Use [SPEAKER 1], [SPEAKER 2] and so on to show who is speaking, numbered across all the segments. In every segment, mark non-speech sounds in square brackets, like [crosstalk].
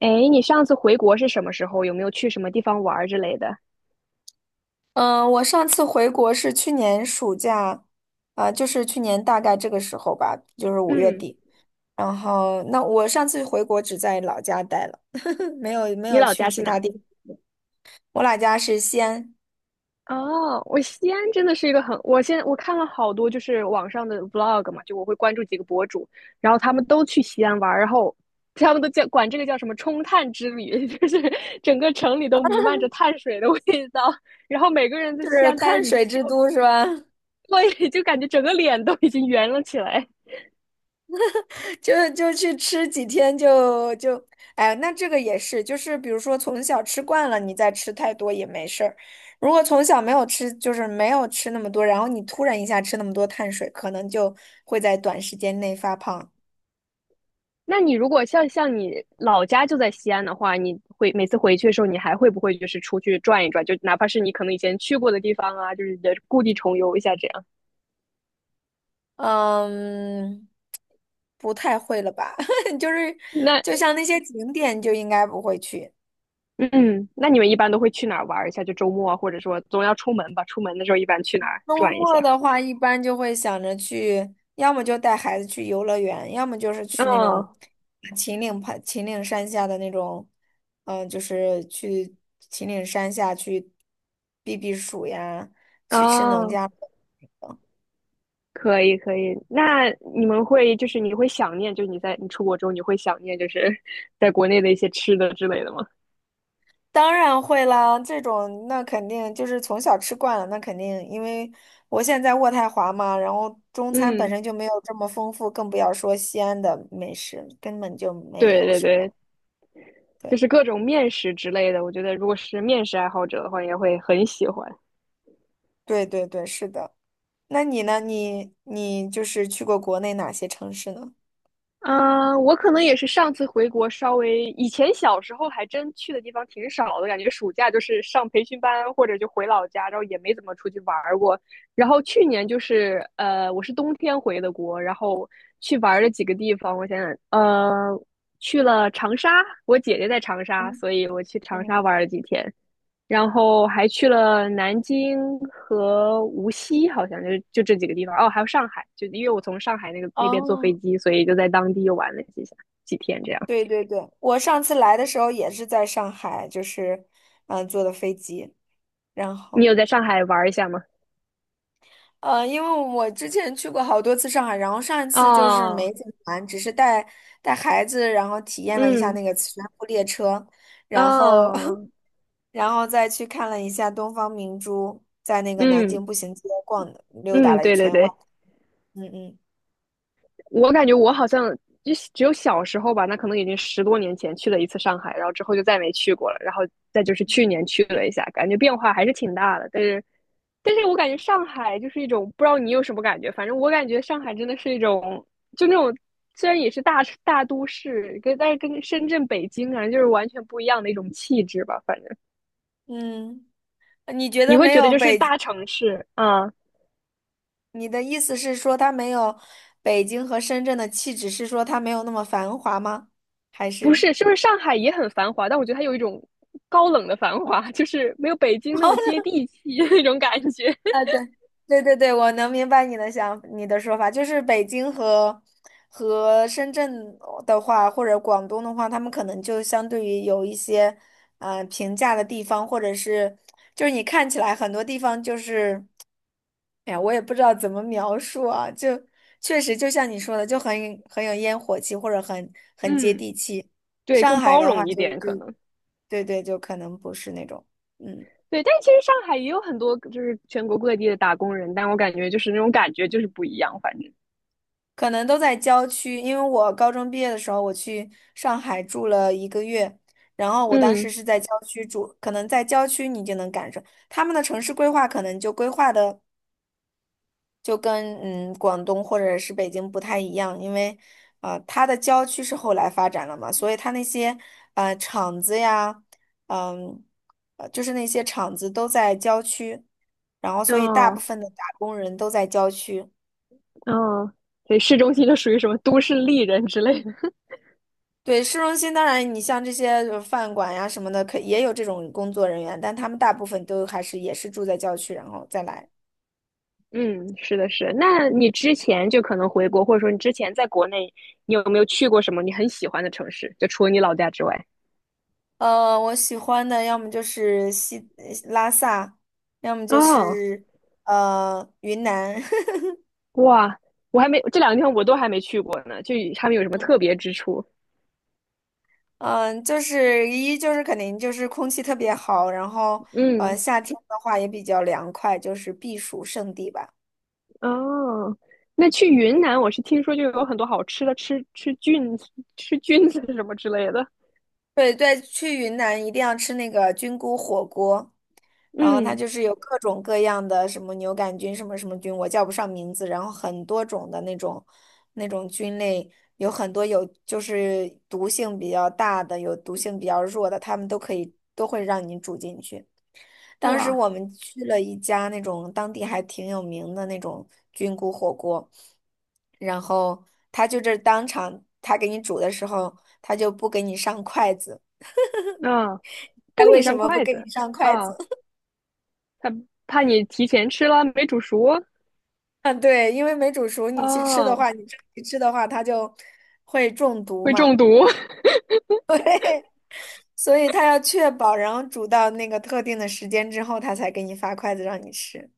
[SPEAKER 1] 哎，你上次回国是什么时候？有没有去什么地方玩儿之类的？
[SPEAKER 2] 嗯，我上次回国是去年暑假，就是去年大概这个时候吧，就是五月
[SPEAKER 1] 嗯，
[SPEAKER 2] 底。然后，那我上次回国只在老家待了，[laughs] 没有没
[SPEAKER 1] 你
[SPEAKER 2] 有
[SPEAKER 1] 老
[SPEAKER 2] 去
[SPEAKER 1] 家
[SPEAKER 2] 其
[SPEAKER 1] 是哪
[SPEAKER 2] 他
[SPEAKER 1] 儿？
[SPEAKER 2] 地。我老家是西安，
[SPEAKER 1] 哦，我西安真的是一个很，我现在我看了好多就是网上的 vlog 嘛，就我会关注几个博主，然后他们都去西安玩儿，然后他们都叫管这个叫什么冲碳之旅，[laughs] 就是整个城里都弥漫着碳水的味道，然后每个人在
[SPEAKER 2] 就
[SPEAKER 1] 西
[SPEAKER 2] 是
[SPEAKER 1] 安待了
[SPEAKER 2] 碳
[SPEAKER 1] 几天
[SPEAKER 2] 水
[SPEAKER 1] 之
[SPEAKER 2] 之
[SPEAKER 1] 后，就，
[SPEAKER 2] 都，是吧？[laughs]
[SPEAKER 1] 对，就感觉整个脸都已经圆了起来。
[SPEAKER 2] 就去吃几天就，哎，那这个也是，就是比如说从小吃惯了，你再吃太多也没事儿。如果从小没有吃，就是没有吃那么多，然后你突然一下吃那么多碳水，可能就会在短时间内发胖。
[SPEAKER 1] 那你如果像你老家就在西安的话，你会每次回去的时候，你还会不会就是出去转一转？就哪怕是你可能以前去过的地方啊，就是也故地重游一下这样。
[SPEAKER 2] 嗯，不太会了吧？[laughs] 就是
[SPEAKER 1] 那
[SPEAKER 2] 就像那些景点就应该不会去。
[SPEAKER 1] 嗯，那你们一般都会去哪儿玩一下？就周末啊，或者说总要出门吧？出门的时候一般去哪儿
[SPEAKER 2] 周
[SPEAKER 1] 转一下？
[SPEAKER 2] 末的话，一般就会想着去，要么就带孩子去游乐园，要么就是去那种
[SPEAKER 1] 哦
[SPEAKER 2] 秦岭盘、秦岭山下的那种，就是去秦岭山下去避避暑呀，吃吃农
[SPEAKER 1] 哦，
[SPEAKER 2] 家。
[SPEAKER 1] 可以可以。那你们会就是你会想念，就是你在你出国之后，你会想念就是 [laughs] 在国内的一些吃的之类的吗？
[SPEAKER 2] 当然会啦，这种那肯定就是从小吃惯了，那肯定，因为我现在在渥太华嘛，然后中餐本
[SPEAKER 1] 嗯，
[SPEAKER 2] 身就没有这么丰富，更不要说西安的美食，根本就没
[SPEAKER 1] 对
[SPEAKER 2] 有
[SPEAKER 1] 对
[SPEAKER 2] 什
[SPEAKER 1] 对，
[SPEAKER 2] 么。
[SPEAKER 1] 就
[SPEAKER 2] 对，
[SPEAKER 1] 是各种面食之类的，我觉得如果是面食爱好者的话，也会很喜欢。
[SPEAKER 2] 对对对，是的。那你呢？你就是去过国内哪些城市呢？
[SPEAKER 1] 啊、我可能也是上次回国稍微，以前小时候还真去的地方挺少的，感觉暑假就是上培训班或者就回老家，然后也没怎么出去玩过。然后去年就是我是冬天回的国，然后去玩了几个地方，我想想，去了长沙，我姐姐在长沙，
[SPEAKER 2] 嗯
[SPEAKER 1] 所以我去长沙
[SPEAKER 2] 嗯，
[SPEAKER 1] 玩了几天。然后还去了南京和无锡，好像就这几个地方。哦，还有上海，就因为我从上海那边坐飞
[SPEAKER 2] 哦，
[SPEAKER 1] 机，所以就在当地又玩了几下几天这样。
[SPEAKER 2] 对对对，我上次来的时候也是在上海，就是坐的飞机，然
[SPEAKER 1] 你
[SPEAKER 2] 后
[SPEAKER 1] 有在上海玩一下吗？
[SPEAKER 2] 因为我之前去过好多次上海，然后上一次就是
[SPEAKER 1] 哦，
[SPEAKER 2] 没怎么玩，只是带带孩子，然后体验了一下
[SPEAKER 1] 嗯，
[SPEAKER 2] 那个磁悬浮列车，然后
[SPEAKER 1] 哦，
[SPEAKER 2] [laughs] 然后再去看了一下东方明珠，在那个南
[SPEAKER 1] 嗯
[SPEAKER 2] 京步行街逛溜达
[SPEAKER 1] 嗯，
[SPEAKER 2] 了一
[SPEAKER 1] 对对
[SPEAKER 2] 圈外，
[SPEAKER 1] 对，
[SPEAKER 2] 嗯嗯
[SPEAKER 1] 我感觉我好像就只有小时候吧，那可能已经十多年前去了一次上海，然后之后就再没去过了。然后再就是去年去了一下，感觉变化还是挺大的，但是我感觉上海就是一种不知道你有什么感觉，反正我感觉上海真的是一种，就那种虽然也是大大都市，但是跟深圳、北京啊，就是完全不一样的一种气质吧。反正
[SPEAKER 2] 嗯。你觉
[SPEAKER 1] 你
[SPEAKER 2] 得
[SPEAKER 1] 会
[SPEAKER 2] 没
[SPEAKER 1] 觉得
[SPEAKER 2] 有
[SPEAKER 1] 就是
[SPEAKER 2] 北，
[SPEAKER 1] 大城市啊，嗯
[SPEAKER 2] 你的意思是说它没有北京和深圳的气质，是说它没有那么繁华吗？还
[SPEAKER 1] 不
[SPEAKER 2] 是？
[SPEAKER 1] 是，是不是上海也很繁华？但我觉得它有一种高冷的繁华，就是没有北京那么接
[SPEAKER 2] [laughs]
[SPEAKER 1] 地气的那种感觉。
[SPEAKER 2] 啊，对，对对对，我能明白你的想，你的说法，就是北京和和深圳的话，或者广东的话，他们可能就相对于有一些，平价的地方，或者是就是你看起来很多地方就是。哎呀，我也不知道怎么描述啊，就确实就像你说的，就很有烟火气，或者很
[SPEAKER 1] [laughs]
[SPEAKER 2] 很接
[SPEAKER 1] 嗯，
[SPEAKER 2] 地气。
[SPEAKER 1] 对，
[SPEAKER 2] 上
[SPEAKER 1] 更
[SPEAKER 2] 海
[SPEAKER 1] 包
[SPEAKER 2] 的话
[SPEAKER 1] 容一
[SPEAKER 2] 就，
[SPEAKER 1] 点
[SPEAKER 2] 就
[SPEAKER 1] 可能。
[SPEAKER 2] 对对，就可能不是那种，嗯，
[SPEAKER 1] 对，但其实上海也有很多就是全国各地的打工人，但我感觉就是那种感觉就是不一样，反正。
[SPEAKER 2] 可能都在郊区。因为我高中毕业的时候，我去上海住了一个月，然后我当时
[SPEAKER 1] 嗯，
[SPEAKER 2] 是在郊区住，可能在郊区你就能感受他们的城市规划，可能就规划的。就跟嗯广东或者是北京不太一样，因为它的郊区是后来发展了嘛，所以它那些厂子呀，嗯，就是那些厂子都在郊区，然后所以大部
[SPEAKER 1] 哦
[SPEAKER 2] 分的打工人都在郊区。
[SPEAKER 1] 哦，所以市中心就属于什么都市丽人之类的。
[SPEAKER 2] 对，市中心当然，你像这些饭馆呀什么的，可也有这种工作人员，但他们大部分都还是也是住在郊区，然后再来。
[SPEAKER 1] 嗯，是的，是的。那你之前就可能回国，或者说你之前在国内，你有没有去过什么你很喜欢的城市？就除了你老家之外。
[SPEAKER 2] 我喜欢的要么就是拉萨，要么就
[SPEAKER 1] 哦，
[SPEAKER 2] 是云南。
[SPEAKER 1] 哇，我还没，这两个地方我都还没去过呢，就他们有什么特别
[SPEAKER 2] [laughs]
[SPEAKER 1] 之处？
[SPEAKER 2] 嗯，就是一就是肯定就是空气特别好，然后
[SPEAKER 1] 嗯，
[SPEAKER 2] 夏天的话也比较凉快，就是避暑胜地吧。
[SPEAKER 1] 哦，那去云南，我是听说就有很多好吃的，吃吃菌子、吃菌子什么之类的。
[SPEAKER 2] 对对，去云南一定要吃那个菌菇火锅，然后它
[SPEAKER 1] 嗯，
[SPEAKER 2] 就是有各种各样的什么牛杆菌、什么什么菌，我叫不上名字，然后很多种的那种菌类，有很多有就是毒性比较大的，有毒性比较弱的，它们都可以都会让你煮进去。当时
[SPEAKER 1] 哇，
[SPEAKER 2] 我们去了一家那种当地还挺有名的那种菌菇火锅，然后他当场他给你煮的时候，他就不给你上筷子。
[SPEAKER 1] 啊、
[SPEAKER 2] 他
[SPEAKER 1] 不给
[SPEAKER 2] 为
[SPEAKER 1] 你
[SPEAKER 2] 什
[SPEAKER 1] 上
[SPEAKER 2] 么不
[SPEAKER 1] 筷
[SPEAKER 2] 给你
[SPEAKER 1] 子
[SPEAKER 2] 上筷
[SPEAKER 1] 啊、
[SPEAKER 2] 子？
[SPEAKER 1] 哦
[SPEAKER 2] [laughs]
[SPEAKER 1] 他怕你提前吃了没煮熟，
[SPEAKER 2] 嗯，对，因为没煮熟，你去吃的
[SPEAKER 1] 哦，
[SPEAKER 2] 话，你长期吃的话，它就会中毒
[SPEAKER 1] 会
[SPEAKER 2] 嘛。
[SPEAKER 1] 中毒
[SPEAKER 2] [laughs] 对，所以他要确保，然后煮到那个特定的时间之后，他才给你发筷子让你吃。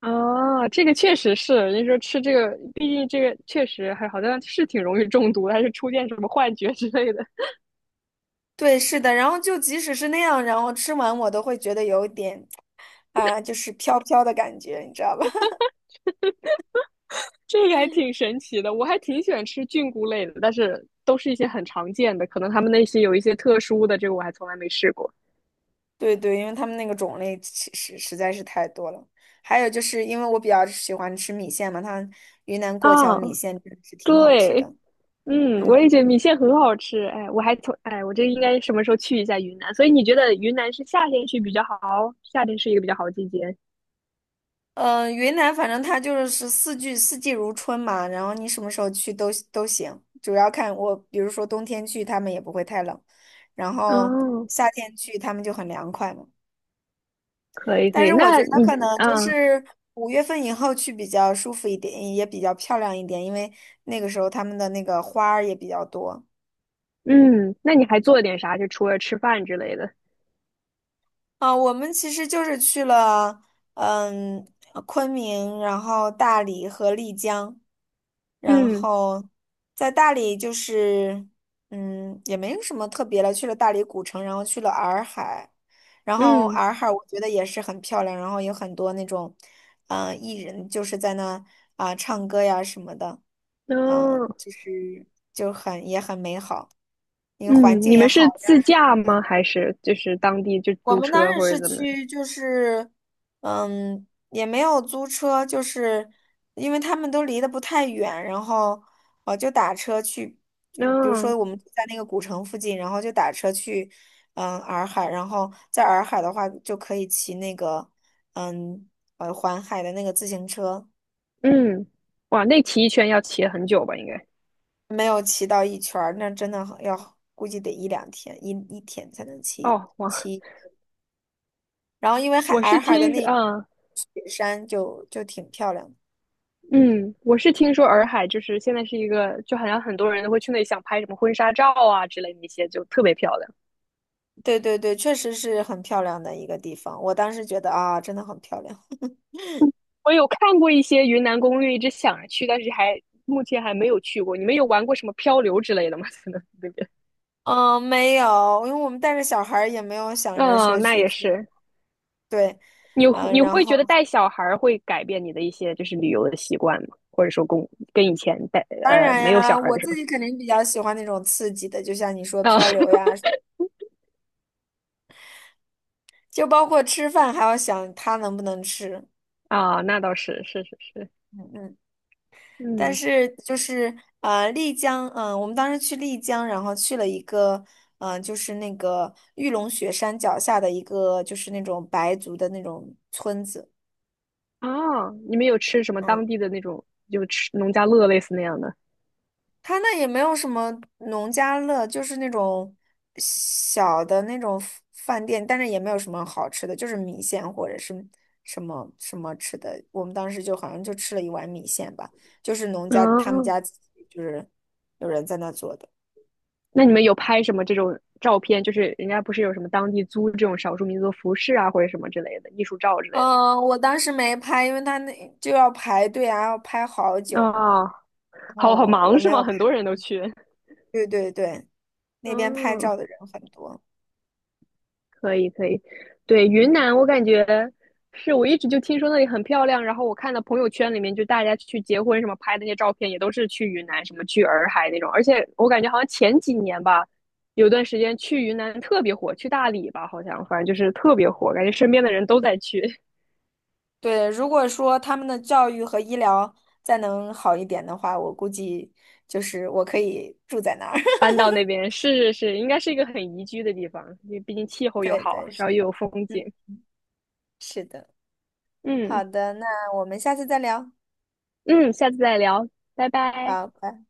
[SPEAKER 1] 啊 [laughs]。这个确实是，人家说吃这个，毕竟这个确实还好像是挺容易中毒的，还是出现什么幻觉之类的，
[SPEAKER 2] 对，是的，然后就即使是那样，然后吃完我都会觉得有一点就是飘飘的感觉，你知道吧？
[SPEAKER 1] 这个还挺神奇的。我还挺喜欢吃菌菇类的，但是都是一些很常见的，可能他们那些有一些特殊的，这个我还从来没试过
[SPEAKER 2] [laughs] 对对，因为他们那个种类其实实在是太多了。还有就是因为我比较喜欢吃米线嘛，它云南过桥
[SPEAKER 1] 啊。
[SPEAKER 2] 米线真的是挺好吃
[SPEAKER 1] 对，
[SPEAKER 2] 的。
[SPEAKER 1] 嗯，我
[SPEAKER 2] 嗯。
[SPEAKER 1] 也觉得米线很好吃。哎，我还从哎，我这应该什么时候去一下云南？所以你觉得云南是夏天去比较好？夏天是一个比较好的季节。
[SPEAKER 2] 云南反正它就是四季四季如春嘛，然后你什么时候去都行，主要看我，比如说冬天去，他们也不会太冷，然后
[SPEAKER 1] 哦，
[SPEAKER 2] 夏天去，他们就很凉快嘛。
[SPEAKER 1] 可以可
[SPEAKER 2] 但
[SPEAKER 1] 以。
[SPEAKER 2] 是我觉
[SPEAKER 1] 那
[SPEAKER 2] 得
[SPEAKER 1] 你
[SPEAKER 2] 可能就
[SPEAKER 1] 啊，
[SPEAKER 2] 是五月份以后去比较舒服一点，也比较漂亮一点，因为那个时候他们的那个花儿也比较多。
[SPEAKER 1] 嗯，那你还做了点啥？就除了吃饭之类的。
[SPEAKER 2] 啊，我们其实就是去了，嗯，昆明，然后大理和丽江，然
[SPEAKER 1] 嗯
[SPEAKER 2] 后在大理就是，嗯，也没有什么特别了，去了大理古城，然后去了洱海，然后
[SPEAKER 1] 嗯
[SPEAKER 2] 洱海我觉得也是很漂亮，然后有很多那种，艺人就是在那唱歌呀什么的，
[SPEAKER 1] 哦
[SPEAKER 2] 就是就很也很美好，那个环
[SPEAKER 1] 嗯，
[SPEAKER 2] 境
[SPEAKER 1] 你
[SPEAKER 2] 也
[SPEAKER 1] 们
[SPEAKER 2] 好。
[SPEAKER 1] 是自驾吗？还是就是当地就
[SPEAKER 2] 我
[SPEAKER 1] 租
[SPEAKER 2] 们当
[SPEAKER 1] 车
[SPEAKER 2] 时
[SPEAKER 1] 或者
[SPEAKER 2] 是
[SPEAKER 1] 怎么？
[SPEAKER 2] 去，就是，嗯，也没有租车，就是因为他们都离得不太远，然后就打车去，就比如说
[SPEAKER 1] 嗯
[SPEAKER 2] 我们住在那个古城附近，然后就打车去，嗯，洱海，然后在洱海的话就可以骑那个，嗯，环海的那个自行车，
[SPEAKER 1] 嗯，哇，那骑一圈要骑很久吧？应该。
[SPEAKER 2] 没有骑到一圈儿，那真的很要估计得一两天，一天才能骑
[SPEAKER 1] 哦，哇，
[SPEAKER 2] 骑。然后因为海
[SPEAKER 1] 我是
[SPEAKER 2] 洱海的
[SPEAKER 1] 听，
[SPEAKER 2] 那一
[SPEAKER 1] 嗯
[SPEAKER 2] 雪山就就挺漂亮的。
[SPEAKER 1] 嗯，我是听说洱海就是现在是一个，就好像很多人都会去那里想拍什么婚纱照啊之类的一些，就特别漂亮。
[SPEAKER 2] 对对对，确实是很漂亮的一个地方。我当时觉得啊，真的很漂亮。
[SPEAKER 1] 我有看过一些云南攻略，一直想着去，但是还目前还没有去过。你们有玩过什么漂流之类的吗？[laughs] 在那边？
[SPEAKER 2] 嗯，没有，因为我们带着小孩儿也没有想着说
[SPEAKER 1] 嗯，那
[SPEAKER 2] 去
[SPEAKER 1] 也
[SPEAKER 2] 偏，
[SPEAKER 1] 是。
[SPEAKER 2] 对，
[SPEAKER 1] 你
[SPEAKER 2] 嗯，
[SPEAKER 1] 你
[SPEAKER 2] 然
[SPEAKER 1] 会
[SPEAKER 2] 后
[SPEAKER 1] 觉得带小孩儿会改变你的一些就是旅游的习惯吗？或者说跟以前带
[SPEAKER 2] 当然
[SPEAKER 1] 没有小
[SPEAKER 2] 呀，
[SPEAKER 1] 孩儿
[SPEAKER 2] 我
[SPEAKER 1] 的时
[SPEAKER 2] 自
[SPEAKER 1] 候？
[SPEAKER 2] 己肯定比较喜欢那种刺激的，就像你说
[SPEAKER 1] 啊
[SPEAKER 2] 漂流呀，就包括吃饭还要想他能不能吃，
[SPEAKER 1] [laughs] 啊，那倒是是是是，
[SPEAKER 2] 嗯嗯。但
[SPEAKER 1] 嗯。
[SPEAKER 2] 是就是啊，丽江，我们当时去丽江，然后去了一个，就是那个玉龙雪山脚下的一个，就是那种白族的那种村子，
[SPEAKER 1] 哦，你们有吃什么
[SPEAKER 2] 嗯，
[SPEAKER 1] 当地的那种，就吃农家乐类似那样的？
[SPEAKER 2] 他那也没有什么农家乐，就是那种小的那种饭店，但是也没有什么好吃的，就是米线或者是什么什么吃的，我们当时就好像就吃了一碗米线吧，就是农家他们
[SPEAKER 1] 哦，
[SPEAKER 2] 家自己就是有人在那做的。
[SPEAKER 1] 那你们有拍什么这种照片？就是人家不是有什么当地租这种少数民族服饰啊，或者什么之类的艺术照之类的？
[SPEAKER 2] 嗯，我当时没拍，因为他那就要排队啊，要拍好久。
[SPEAKER 1] 啊，
[SPEAKER 2] 然
[SPEAKER 1] 好好
[SPEAKER 2] 后
[SPEAKER 1] 忙
[SPEAKER 2] 我没
[SPEAKER 1] 是
[SPEAKER 2] 有
[SPEAKER 1] 吗？
[SPEAKER 2] 拍。
[SPEAKER 1] 很多人都去。
[SPEAKER 2] 对对对，那边拍
[SPEAKER 1] 嗯。
[SPEAKER 2] 照的人很多。
[SPEAKER 1] 可以可以，对，云
[SPEAKER 2] 嗯，
[SPEAKER 1] 南我感觉是我一直就听说那里很漂亮，然后我看到朋友圈里面就大家去结婚什么拍的那些照片，也都是去云南什么去洱海那种，而且我感觉好像前几年吧，有段时间去云南特别火，去大理吧好像，反正就是特别火，感觉身边的人都在去
[SPEAKER 2] 对，如果说他们的教育和医疗再能好一点的话，我估计就是我可以住在那儿。[laughs]
[SPEAKER 1] 搬到那边，是是是，应该是一个很宜居的地方，因为毕竟气候又
[SPEAKER 2] 对
[SPEAKER 1] 好，
[SPEAKER 2] 对，
[SPEAKER 1] 然后
[SPEAKER 2] 是，
[SPEAKER 1] 又有风
[SPEAKER 2] 嗯，
[SPEAKER 1] 景。
[SPEAKER 2] 是的。
[SPEAKER 1] 嗯
[SPEAKER 2] 好的，那我们下次再聊。
[SPEAKER 1] 嗯，下次再聊，拜拜。
[SPEAKER 2] 好，拜。